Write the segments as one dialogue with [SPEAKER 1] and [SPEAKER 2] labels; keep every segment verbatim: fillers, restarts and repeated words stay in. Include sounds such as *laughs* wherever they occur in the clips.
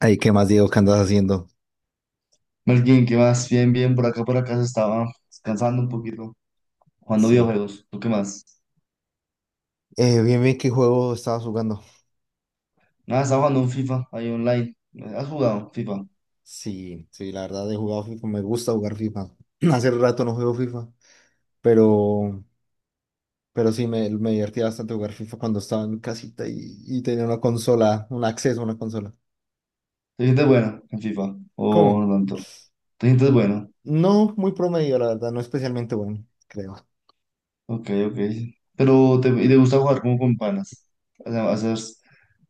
[SPEAKER 1] Ay, ¿qué más, Diego? ¿Qué andas haciendo?
[SPEAKER 2] Más bien, ¿qué más? Bien, bien, por acá, por acá se estaba descansando un poquito, jugando
[SPEAKER 1] Sí.
[SPEAKER 2] videojuegos. ¿Tú qué más?
[SPEAKER 1] Eh, bien, bien, ¿qué juego estabas jugando?
[SPEAKER 2] Nada, estaba jugando un FIFA ahí online. ¿Has jugado FIFA?
[SPEAKER 1] Sí, sí, la verdad he jugado FIFA, me gusta jugar FIFA. *clears throat* Hace rato no juego FIFA, pero, pero sí, me, me divertía bastante jugar FIFA cuando estaba en casita y, y tenía una consola, un acceso a una consola.
[SPEAKER 2] ¿Te sientes bueno en FIFA? ¿O
[SPEAKER 1] ¿Cómo?
[SPEAKER 2] no tanto? ¿Te sientes bueno?
[SPEAKER 1] No, muy promedio, la verdad, no especialmente bueno, creo.
[SPEAKER 2] Ok, ok. Pero, ¿te, y te gusta jugar como con panas? O sea, hacer,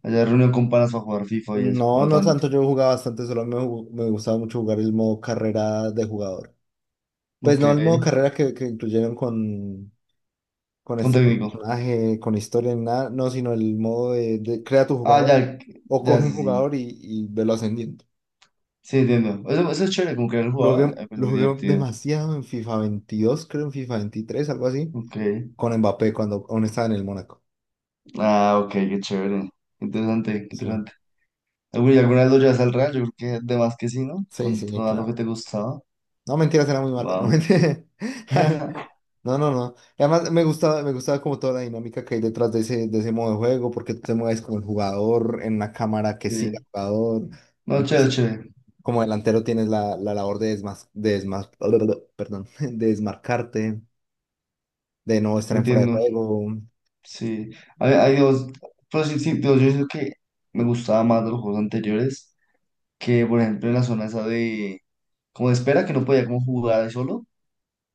[SPEAKER 2] hacer reunión con panas para jugar FIFA y eso, o
[SPEAKER 1] No,
[SPEAKER 2] no
[SPEAKER 1] no
[SPEAKER 2] tanto.
[SPEAKER 1] tanto, yo jugaba bastante, solo me, ju- me gustaba mucho jugar el modo carrera de jugador. Pues
[SPEAKER 2] Ok,
[SPEAKER 1] no el modo carrera que, que incluyeron con con
[SPEAKER 2] con
[SPEAKER 1] este
[SPEAKER 2] técnico.
[SPEAKER 1] personaje, con historia, ni nada, no, sino el modo de, de crea tu
[SPEAKER 2] Ah,
[SPEAKER 1] jugador
[SPEAKER 2] ya,
[SPEAKER 1] o
[SPEAKER 2] ya,
[SPEAKER 1] coge un
[SPEAKER 2] sí, sí.
[SPEAKER 1] jugador y, y velo ascendiendo.
[SPEAKER 2] Sí, entiendo. Eso, eso es chévere, como que el
[SPEAKER 1] Lo
[SPEAKER 2] jugador,
[SPEAKER 1] jugué,
[SPEAKER 2] es
[SPEAKER 1] lo
[SPEAKER 2] muy
[SPEAKER 1] jugué
[SPEAKER 2] divertido.
[SPEAKER 1] demasiado en FIFA veintidós, creo en FIFA veintitrés, algo así,
[SPEAKER 2] Ok.
[SPEAKER 1] con Mbappé cuando aún estaba en el Mónaco.
[SPEAKER 2] Ah, ok, qué chévere. Interesante,
[SPEAKER 1] Sí,
[SPEAKER 2] interesante. Eh, güey, ¿alguna vez lo llevas al Real? Yo creo que de más que sí, ¿no?
[SPEAKER 1] sí,
[SPEAKER 2] Con,
[SPEAKER 1] sí,
[SPEAKER 2] con algo que
[SPEAKER 1] claro.
[SPEAKER 2] te gustaba.
[SPEAKER 1] No, mentiras, era muy malo. No,
[SPEAKER 2] Wow.
[SPEAKER 1] mentira. *laughs*
[SPEAKER 2] *laughs*
[SPEAKER 1] No, no, no. Y además, me gustaba, me gustaba como toda la dinámica que hay detrás de ese, de ese modo de juego, porque tú te mueves con el jugador en una cámara que sigue
[SPEAKER 2] Sí.
[SPEAKER 1] al jugador.
[SPEAKER 2] No, chévere,
[SPEAKER 1] Entonces,
[SPEAKER 2] chévere.
[SPEAKER 1] como delantero tienes la, la labor de, desmas, de desmas- *laughs* perdón, de desmarcarte, de no estar en fuera de
[SPEAKER 2] Entiendo.
[SPEAKER 1] juego.
[SPEAKER 2] Sí. hay hay dos- Pero sí, sí, pero yo siento que me gustaba más de los juegos anteriores que, por ejemplo, en la zona esa de... como de espera, que no podía como jugar ahí solo.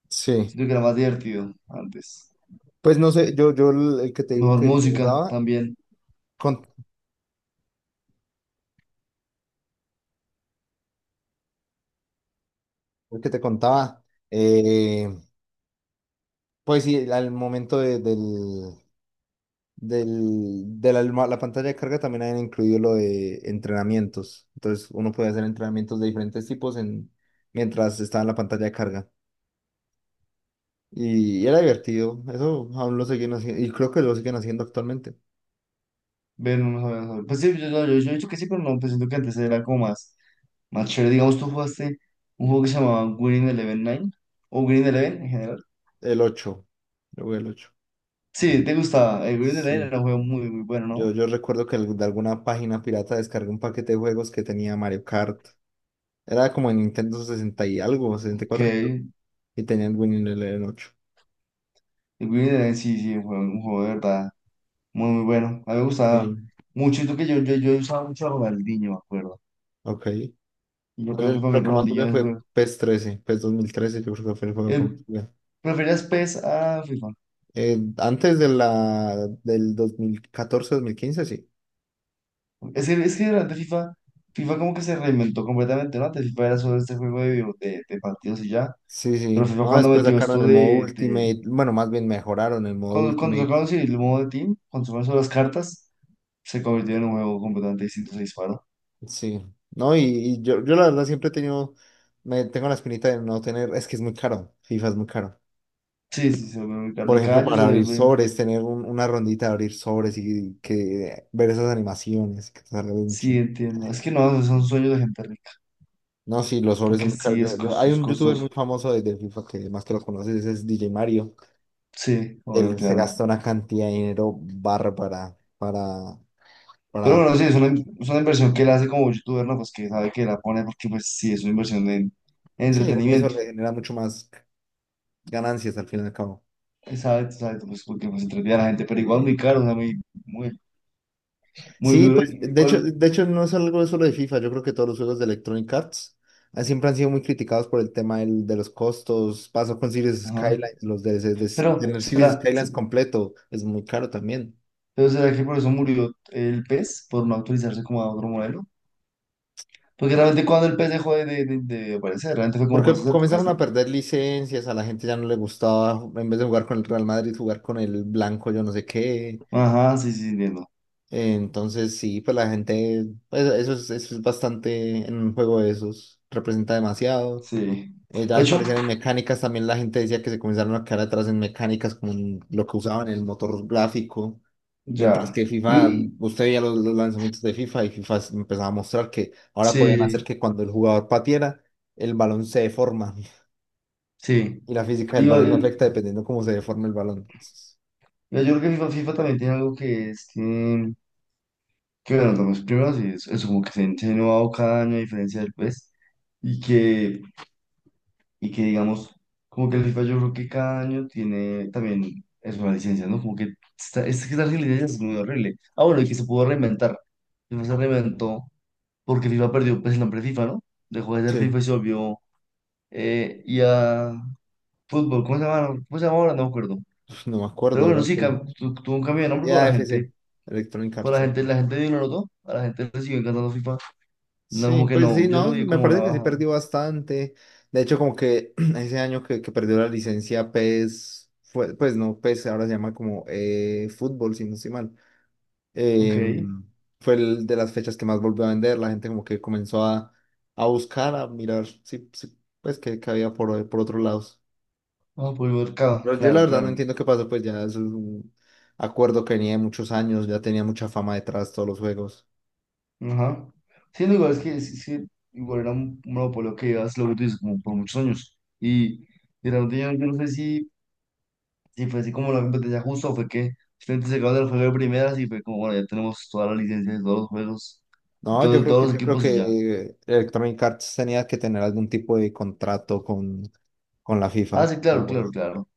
[SPEAKER 1] Sí.
[SPEAKER 2] Siento que era más divertido antes.
[SPEAKER 1] Pues no sé, yo, yo el el que te digo
[SPEAKER 2] Mejor
[SPEAKER 1] que, que
[SPEAKER 2] música
[SPEAKER 1] jugaba,
[SPEAKER 2] también.
[SPEAKER 1] con, el que te contaba, eh, pues sí, al momento de, del, del, de la, alma- la pantalla de carga también habían incluido lo de entrenamientos. Entonces uno puede hacer entrenamientos de diferentes tipos en, mientras estaba en la pantalla de carga. Y, y era divertido. Eso aún lo siguen haciendo. Y creo que lo siguen haciendo actualmente.
[SPEAKER 2] Ver, no, no, no, no. Sabía. Pues sí, yo, yo, yo, yo he dicho que sí, pero no, pues siento que antes era como más. Más chévere, digamos, tú jugaste un juego que se llamaba Winning Eleven Nine o Winning Eleven en general.
[SPEAKER 1] El ocho. Yo jugué el ocho.
[SPEAKER 2] Sí, te gustaba. El Winning Eleven
[SPEAKER 1] Sí.
[SPEAKER 2] era un juego muy, muy bueno, ¿no?
[SPEAKER 1] Yo, yo recuerdo que de alguna página pirata descargué un paquete de juegos que tenía Mario Kart. Era como en Nintendo sesenta y algo,
[SPEAKER 2] Ok,
[SPEAKER 1] sesenta y cuatro, creo.
[SPEAKER 2] el
[SPEAKER 1] Y tenía el Winning el ocho.
[SPEAKER 2] Winning Eleven sí, sí, fue un juego de verdad muy, muy bueno. A mí me gustaba
[SPEAKER 1] Sí.
[SPEAKER 2] mucho. Y tú que yo, yo, yo usaba mucho a Ronaldinho, me acuerdo.
[SPEAKER 1] Ok.
[SPEAKER 2] Y yo
[SPEAKER 1] No,
[SPEAKER 2] creo
[SPEAKER 1] yo
[SPEAKER 2] que para mí
[SPEAKER 1] creo que más
[SPEAKER 2] Ronaldinho
[SPEAKER 1] jugué
[SPEAKER 2] es el
[SPEAKER 1] fue
[SPEAKER 2] juego.
[SPEAKER 1] P E S trece. P E S dos mil trece, yo creo que fue el juego que más
[SPEAKER 2] El,
[SPEAKER 1] jugué.
[SPEAKER 2] ¿preferías PES a FIFA?
[SPEAKER 1] Eh, antes de la, del dos mil catorce-dos mil quince, sí.
[SPEAKER 2] Es que, es que durante FIFA, FIFA como que se reinventó completamente, ¿no? Antes FIFA era solo este juego de, video- de, de partidos y ya.
[SPEAKER 1] Sí,
[SPEAKER 2] Pero
[SPEAKER 1] sí.
[SPEAKER 2] FIFA
[SPEAKER 1] No,
[SPEAKER 2] cuando
[SPEAKER 1] después
[SPEAKER 2] metió
[SPEAKER 1] sacaron
[SPEAKER 2] esto
[SPEAKER 1] el modo
[SPEAKER 2] de, de
[SPEAKER 1] Ultimate. Bueno, más bien mejoraron el modo
[SPEAKER 2] cuando, cuando
[SPEAKER 1] Ultimate.
[SPEAKER 2] sacaron sí, el modo de Team, cuando sacaron solo las cartas, se convirtió en un juego completamente distinto, se disparó.
[SPEAKER 1] Sí. No, y, y yo, yo la verdad siempre he tenido, me tengo la espinita de no tener, es que es muy caro. FIFA es muy caro.
[SPEAKER 2] Sí, sí, se volvió muy caro.
[SPEAKER 1] Por
[SPEAKER 2] Y cada
[SPEAKER 1] ejemplo,
[SPEAKER 2] año se
[SPEAKER 1] para abrir
[SPEAKER 2] vuelve.
[SPEAKER 1] sobres, tener un- una rondita de abrir sobres y que ver esas animaciones que te salga de un
[SPEAKER 2] Sí,
[SPEAKER 1] chin.
[SPEAKER 2] entiendo. Es que no, son sueños de gente rica,
[SPEAKER 1] No, sí, los sobres son
[SPEAKER 2] porque
[SPEAKER 1] muy caros.
[SPEAKER 2] sí es
[SPEAKER 1] Yo, yo, hay
[SPEAKER 2] costoso,
[SPEAKER 1] un youtuber
[SPEAKER 2] costoso.
[SPEAKER 1] muy famoso de, de FIFA que más que lo conoces, ese es D J Mario.
[SPEAKER 2] Sí, obvio,
[SPEAKER 1] Él se
[SPEAKER 2] claro.
[SPEAKER 1] gasta una cantidad de dinero bárbara para,
[SPEAKER 2] Pero
[SPEAKER 1] para,
[SPEAKER 2] bueno, sí, es una, es una inversión que él hace como youtuber, ¿no? Pues que sabe que la pone porque, pues sí, es una inversión en, en
[SPEAKER 1] sí, igual eso
[SPEAKER 2] entretenimiento.
[SPEAKER 1] le genera mucho más. Ganancias al fin y al cabo.
[SPEAKER 2] Exacto, exacto, pues porque pues entretiene a la gente, pero igual muy caro, o sea, muy, muy, muy
[SPEAKER 1] Sí,
[SPEAKER 2] duro. Y
[SPEAKER 1] pues de hecho,
[SPEAKER 2] igual,
[SPEAKER 1] de hecho no es algo solo de FIFA, yo creo que todos los juegos de Electronic Arts ah, siempre han sido muy criticados por el tema del- de los costos. Pasó con Series
[SPEAKER 2] ajá.
[SPEAKER 1] Skylines, los D L Cs de,
[SPEAKER 2] Pero,
[SPEAKER 1] tener Series
[SPEAKER 2] ¿será?
[SPEAKER 1] Skylines completo es muy caro también.
[SPEAKER 2] Entonces será que por eso murió el pez, por no actualizarse como a otro modelo. Porque realmente cuando el pez dejó de, de, de- de aparecer, realmente fue como por
[SPEAKER 1] Porque
[SPEAKER 2] esas épocas,
[SPEAKER 1] comenzaron
[SPEAKER 2] ¿no?
[SPEAKER 1] a perder licencias, a la gente ya no le gustaba, en vez de jugar con el Real Madrid, jugar con el blanco, yo no sé qué.
[SPEAKER 2] Ajá, sí, sí, entiendo.
[SPEAKER 1] Entonces sí, pues la gente, pues, eso es, eso es bastante en un juego de esos, representa demasiado.
[SPEAKER 2] Sí.
[SPEAKER 1] Eh, ya
[SPEAKER 2] De
[SPEAKER 1] al
[SPEAKER 2] hecho,
[SPEAKER 1] parecer en mecánicas también la gente decía que se comenzaron a quedar atrás en mecánicas como en lo que usaban el motor gráfico, mientras
[SPEAKER 2] ya.
[SPEAKER 1] que FIFA,
[SPEAKER 2] Y-
[SPEAKER 1] usted veía los, los lanzamientos de FIFA y FIFA s- empezaba a mostrar que ahora podían hacer
[SPEAKER 2] sí,
[SPEAKER 1] que cuando el jugador patiera, el balón se deforma *laughs*
[SPEAKER 2] sí.
[SPEAKER 1] y la física del
[SPEAKER 2] Y, va-
[SPEAKER 1] balón no
[SPEAKER 2] y-
[SPEAKER 1] afecta dependiendo cómo se deforme el balón.
[SPEAKER 2] yo creo que FIFA, FIFA también tiene algo que es que, que bueno, los primeros, y eso, eso como que se ha innovado cada año a diferencia del pez. Y que y que digamos, como que el FIFA yo creo que cada año tiene también es una licencia, ¿no? Como que esta, es que esta licencia es muy horrible. Ah, bueno, y que se pudo reinventar. FIFA se reinventó porque FIFA perdió pues, el nombre FIFA, ¿no? Dejó de ser FIFA
[SPEAKER 1] Sí,
[SPEAKER 2] y se volvió eh, y a fútbol, ¿cómo se llama? ¿Cómo se llama ahora? No me acuerdo.
[SPEAKER 1] no me acuerdo
[SPEAKER 2] Pero bueno,
[SPEAKER 1] ahora
[SPEAKER 2] sí,
[SPEAKER 1] que...
[SPEAKER 2] cam- tu- tuvo un cambio de nombre, pero
[SPEAKER 1] Ya,
[SPEAKER 2] la
[SPEAKER 1] f c
[SPEAKER 2] gente,
[SPEAKER 1] Electronic
[SPEAKER 2] por la
[SPEAKER 1] Arts.
[SPEAKER 2] gente, la gente dio lo notó, a la gente le siguió encantando FIFA. No,
[SPEAKER 1] Sí,
[SPEAKER 2] como que
[SPEAKER 1] pues sí,
[SPEAKER 2] no, yo no
[SPEAKER 1] no,
[SPEAKER 2] vi
[SPEAKER 1] me
[SPEAKER 2] como una
[SPEAKER 1] parece que sí
[SPEAKER 2] baja.
[SPEAKER 1] perdió bastante. De hecho, como que *clears throat* ese año que, que perdió la licencia P E S, fue, pues no, P E S ahora se llama como eh, fútbol, si no estoy mal.
[SPEAKER 2] Ok.
[SPEAKER 1] Eh, Fue el de las fechas que más volvió a vender. La gente como que comenzó a, a buscar, a mirar, sí, sí, pues que, que había por, por otros lados.
[SPEAKER 2] Ah, por el mercado,
[SPEAKER 1] Pero yo la
[SPEAKER 2] claro,
[SPEAKER 1] verdad no
[SPEAKER 2] claro.
[SPEAKER 1] entiendo qué pasó, pues ya es un acuerdo que venía de muchos años, ya tenía mucha fama detrás todos los juegos.
[SPEAKER 2] Ajá. Sí, no, igual es que sí, sí, igual era un un monopolio que llevas lo que tú dices, como por muchos años. Y, y realmente yo, yo no sé si, si fue así como la competencia justa o fue que simplemente se acabó el juego de primeras y fue como, bueno, ya tenemos todas las licencias de todos los juegos, de
[SPEAKER 1] No,
[SPEAKER 2] todo-
[SPEAKER 1] yo
[SPEAKER 2] de
[SPEAKER 1] creo
[SPEAKER 2] todos
[SPEAKER 1] que
[SPEAKER 2] los
[SPEAKER 1] yo creo
[SPEAKER 2] equipos y ya.
[SPEAKER 1] que Electronic Arts tenía que tener algún tipo de contrato con, con la
[SPEAKER 2] Ah,
[SPEAKER 1] FIFA
[SPEAKER 2] sí,
[SPEAKER 1] para
[SPEAKER 2] claro,
[SPEAKER 1] poder-
[SPEAKER 2] claro, claro.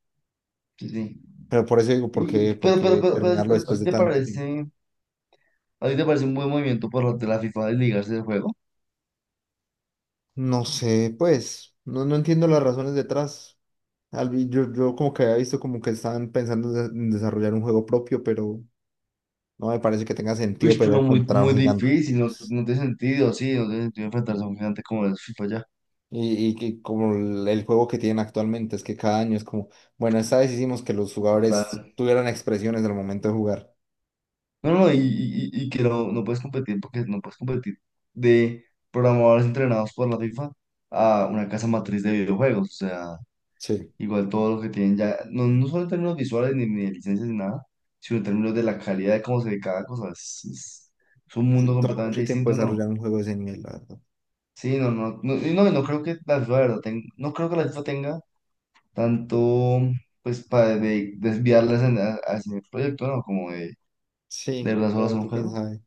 [SPEAKER 2] Sí, sí.
[SPEAKER 1] Pero por eso digo, ¿por
[SPEAKER 2] Y, y-
[SPEAKER 1] qué, por
[SPEAKER 2] pero, pero,
[SPEAKER 1] qué
[SPEAKER 2] pero,
[SPEAKER 1] terminarlo
[SPEAKER 2] pero, ¿a
[SPEAKER 1] después
[SPEAKER 2] ti
[SPEAKER 1] de
[SPEAKER 2] te
[SPEAKER 1] tanto tiempo?
[SPEAKER 2] parece, a ti te parece un buen movimiento por parte de la FIFA desligarse del juego?
[SPEAKER 1] No sé, pues, no, no entiendo las razones detrás. Al vi- Yo, yo como que había visto como que estaban pensando en de- en desarrollar un juego propio, pero no me parece que tenga sentido
[SPEAKER 2] Uy, pero
[SPEAKER 1] pelear
[SPEAKER 2] muy,
[SPEAKER 1] contra un
[SPEAKER 2] muy
[SPEAKER 1] gigante.
[SPEAKER 2] difícil, no, no tiene sentido, sí, no tiene sentido enfrentarse a un gigante como el FIFA ya.
[SPEAKER 1] Y, y que como el el juego que tienen actualmente, es que cada año es como, bueno, esta vez hicimos que los jugadores
[SPEAKER 2] Total.
[SPEAKER 1] tuvieran expresiones al momento de jugar.
[SPEAKER 2] No, no, y, y- y- y que no, no puedes competir porque no puedes competir de programadores entrenados por la FIFA a una casa matriz de videojuegos. O sea,
[SPEAKER 1] Sí,
[SPEAKER 2] igual todo lo que tienen ya, no, no solo en términos visuales ni, ni de licencias ni nada, sino en términos de la calidad de cómo se ve cada cosa. Es, es- es un mundo
[SPEAKER 1] sí, toma
[SPEAKER 2] completamente
[SPEAKER 1] mucho tiempo
[SPEAKER 2] distinto, ¿no?
[SPEAKER 1] desarrollar un juego de ese nivel, la verdad.
[SPEAKER 2] Sí, no, no, no, y no, y no creo que la FIFA, de verdad, ten- no creo que la FIFA tenga tanto, pues, para de- desviarlas en- a- hacia el proyecto, ¿no? Como de, de
[SPEAKER 1] Sí,
[SPEAKER 2] verdad solo
[SPEAKER 1] lo
[SPEAKER 2] hacer
[SPEAKER 1] otro
[SPEAKER 2] un
[SPEAKER 1] quién
[SPEAKER 2] juego.
[SPEAKER 1] sabe.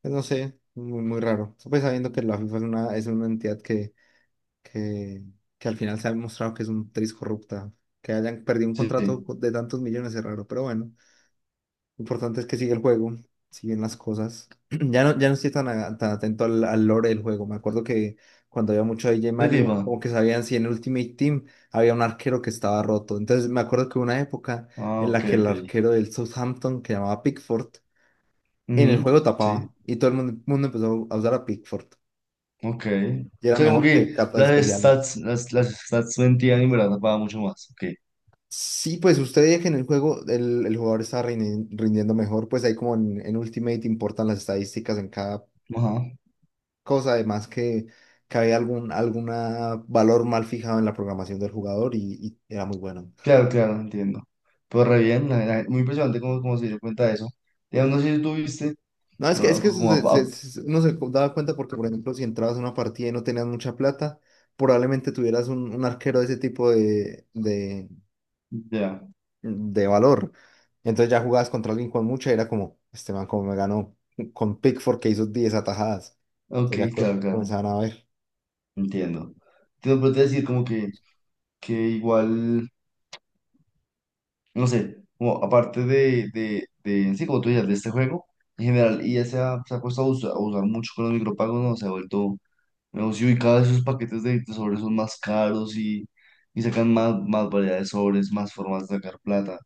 [SPEAKER 1] Pues no sé, muy, muy raro. Pues sabiendo que la FIFA es una, es una entidad que, que, que al final se ha demostrado que es un tris corrupta. Que hayan perdido un
[SPEAKER 2] Sí, sí,
[SPEAKER 1] contrato de tantos millones es raro, pero bueno. Lo importante es que sigue el juego, siguen las cosas. *clears throat* Ya no, ya no estoy tan, a- tan atento al, al lore del juego. Me acuerdo que cuando había mucho D J
[SPEAKER 2] de FIFA.
[SPEAKER 1] Mario, como que sabían si en Ultimate Team había un arquero que estaba roto. Entonces me acuerdo que hubo una época
[SPEAKER 2] Ah,
[SPEAKER 1] en la
[SPEAKER 2] ok,
[SPEAKER 1] que el
[SPEAKER 2] ok.
[SPEAKER 1] arquero del Southampton, que llamaba Pickford, en el
[SPEAKER 2] Ujú,
[SPEAKER 1] juego
[SPEAKER 2] sí,
[SPEAKER 1] tapaba. Y todo el mundo, mundo empezó a usar a Pickford.
[SPEAKER 2] ok.
[SPEAKER 1] Y
[SPEAKER 2] O
[SPEAKER 1] era
[SPEAKER 2] sea, como
[SPEAKER 1] mejor que
[SPEAKER 2] que
[SPEAKER 1] cartas
[SPEAKER 2] las
[SPEAKER 1] especiales.
[SPEAKER 2] stats, las, las stats de en verdad pagan mucho más. Ok.
[SPEAKER 1] Sí, pues usted veía que en el juego el, el jugador está rini- rindiendo mejor, pues ahí como en, en Ultimate importan las estadísticas en cada
[SPEAKER 2] Ajá.
[SPEAKER 1] cosa, además que, que había algún alguna valor mal fijado en la programación del jugador y, y era muy bueno.
[SPEAKER 2] Claro, claro, entiendo. Pero re bien, la- la- muy impresionante cómo, cómo se dio cuenta de eso. Ya no sé si tú viste
[SPEAKER 1] No, es que,
[SPEAKER 2] bueno,
[SPEAKER 1] es
[SPEAKER 2] no,
[SPEAKER 1] que
[SPEAKER 2] como
[SPEAKER 1] se-
[SPEAKER 2] a- a-
[SPEAKER 1] se- se- uno se daba cuenta porque, por ejemplo, si entrabas a una partida y no tenías mucha plata, probablemente tuvieras un, un arquero de ese tipo de, de,
[SPEAKER 2] ya.
[SPEAKER 1] de valor. Entonces ya jugabas contra alguien con mucha y era como, este man como me ganó con Pickford que hizo diez atajadas.
[SPEAKER 2] Ok,
[SPEAKER 1] Entonces ya co-
[SPEAKER 2] claro, claro,
[SPEAKER 1] comenzaban a ver.
[SPEAKER 2] entiendo. Te puedo decir como que, que igual, no sé, como aparte de, de, de, sí, como tú dices, de este juego, en general, y ya se ha, se ha puesto a usar, a usar mucho con los micropagos, ¿no? Se ha vuelto no, sí, y cada vez esos paquetes de, de sobres son más caros y, y sacan más, más variedad de sobres, más formas de sacar plata.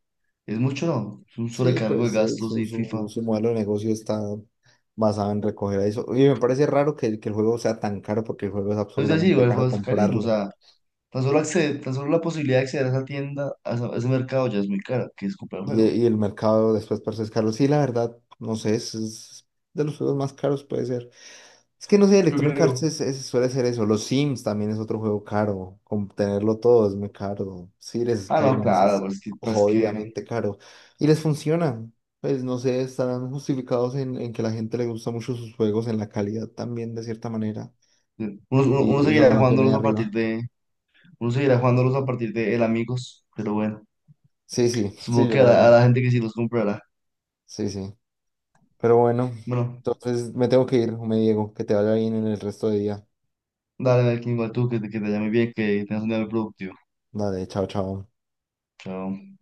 [SPEAKER 2] Es mucho, ¿no? Es un
[SPEAKER 1] Sí,
[SPEAKER 2] sobrecargo de
[SPEAKER 1] pues eh,
[SPEAKER 2] gastos
[SPEAKER 1] su,
[SPEAKER 2] y
[SPEAKER 1] su,
[SPEAKER 2] FIFA.
[SPEAKER 1] su modelo de negocio está basado en recoger eso. Y me parece raro que, que el juego sea tan caro porque el juego es
[SPEAKER 2] Es decir,
[SPEAKER 1] absurdamente
[SPEAKER 2] igual
[SPEAKER 1] caro
[SPEAKER 2] fue carísimo. O
[SPEAKER 1] comprarlo.
[SPEAKER 2] sea, tan solo, acceder, tan solo la posibilidad de acceder a esa tienda, a, esa- a ese mercado ya es muy cara, que es comprar el
[SPEAKER 1] Y,
[SPEAKER 2] juego.
[SPEAKER 1] eh, y el mercado después parece es caro. Sí, la verdad, no sé, es, es de los juegos más caros puede ser. Es que no sé,
[SPEAKER 2] Yo
[SPEAKER 1] Electronic Arts
[SPEAKER 2] creo.
[SPEAKER 1] es- es- suele ser eso. Los Sims también es otro juego caro, con tenerlo todo es muy caro. Cities
[SPEAKER 2] Ah, no,
[SPEAKER 1] Skylines
[SPEAKER 2] claro,
[SPEAKER 1] es
[SPEAKER 2] pues que, pues que
[SPEAKER 1] jodidamente caro. Y les funciona. Pues no sé, estarán justificados en, en que la gente le gusta mucho sus juegos, en la calidad también de cierta manera.
[SPEAKER 2] uno, uno, uno
[SPEAKER 1] Y eso lo
[SPEAKER 2] seguirá
[SPEAKER 1] mantiene ahí
[SPEAKER 2] jugándolos a partir
[SPEAKER 1] arriba.
[SPEAKER 2] de, uno seguirá jugándolos a partir de el amigos, pero bueno,
[SPEAKER 1] Sí, sí, sí,
[SPEAKER 2] supongo
[SPEAKER 1] yo
[SPEAKER 2] que a
[SPEAKER 1] la verdad.
[SPEAKER 2] la, a la gente que sí los comprará.
[SPEAKER 1] Sí, sí. Pero bueno,
[SPEAKER 2] Bueno.
[SPEAKER 1] entonces me tengo que ir, me Diego. Que te vaya bien en el resto de día.
[SPEAKER 2] Dale, Melkin, igual tú, que, te- que te llame bien, que tengas un día muy productivo.
[SPEAKER 1] Dale, chao, chao.
[SPEAKER 2] Chao.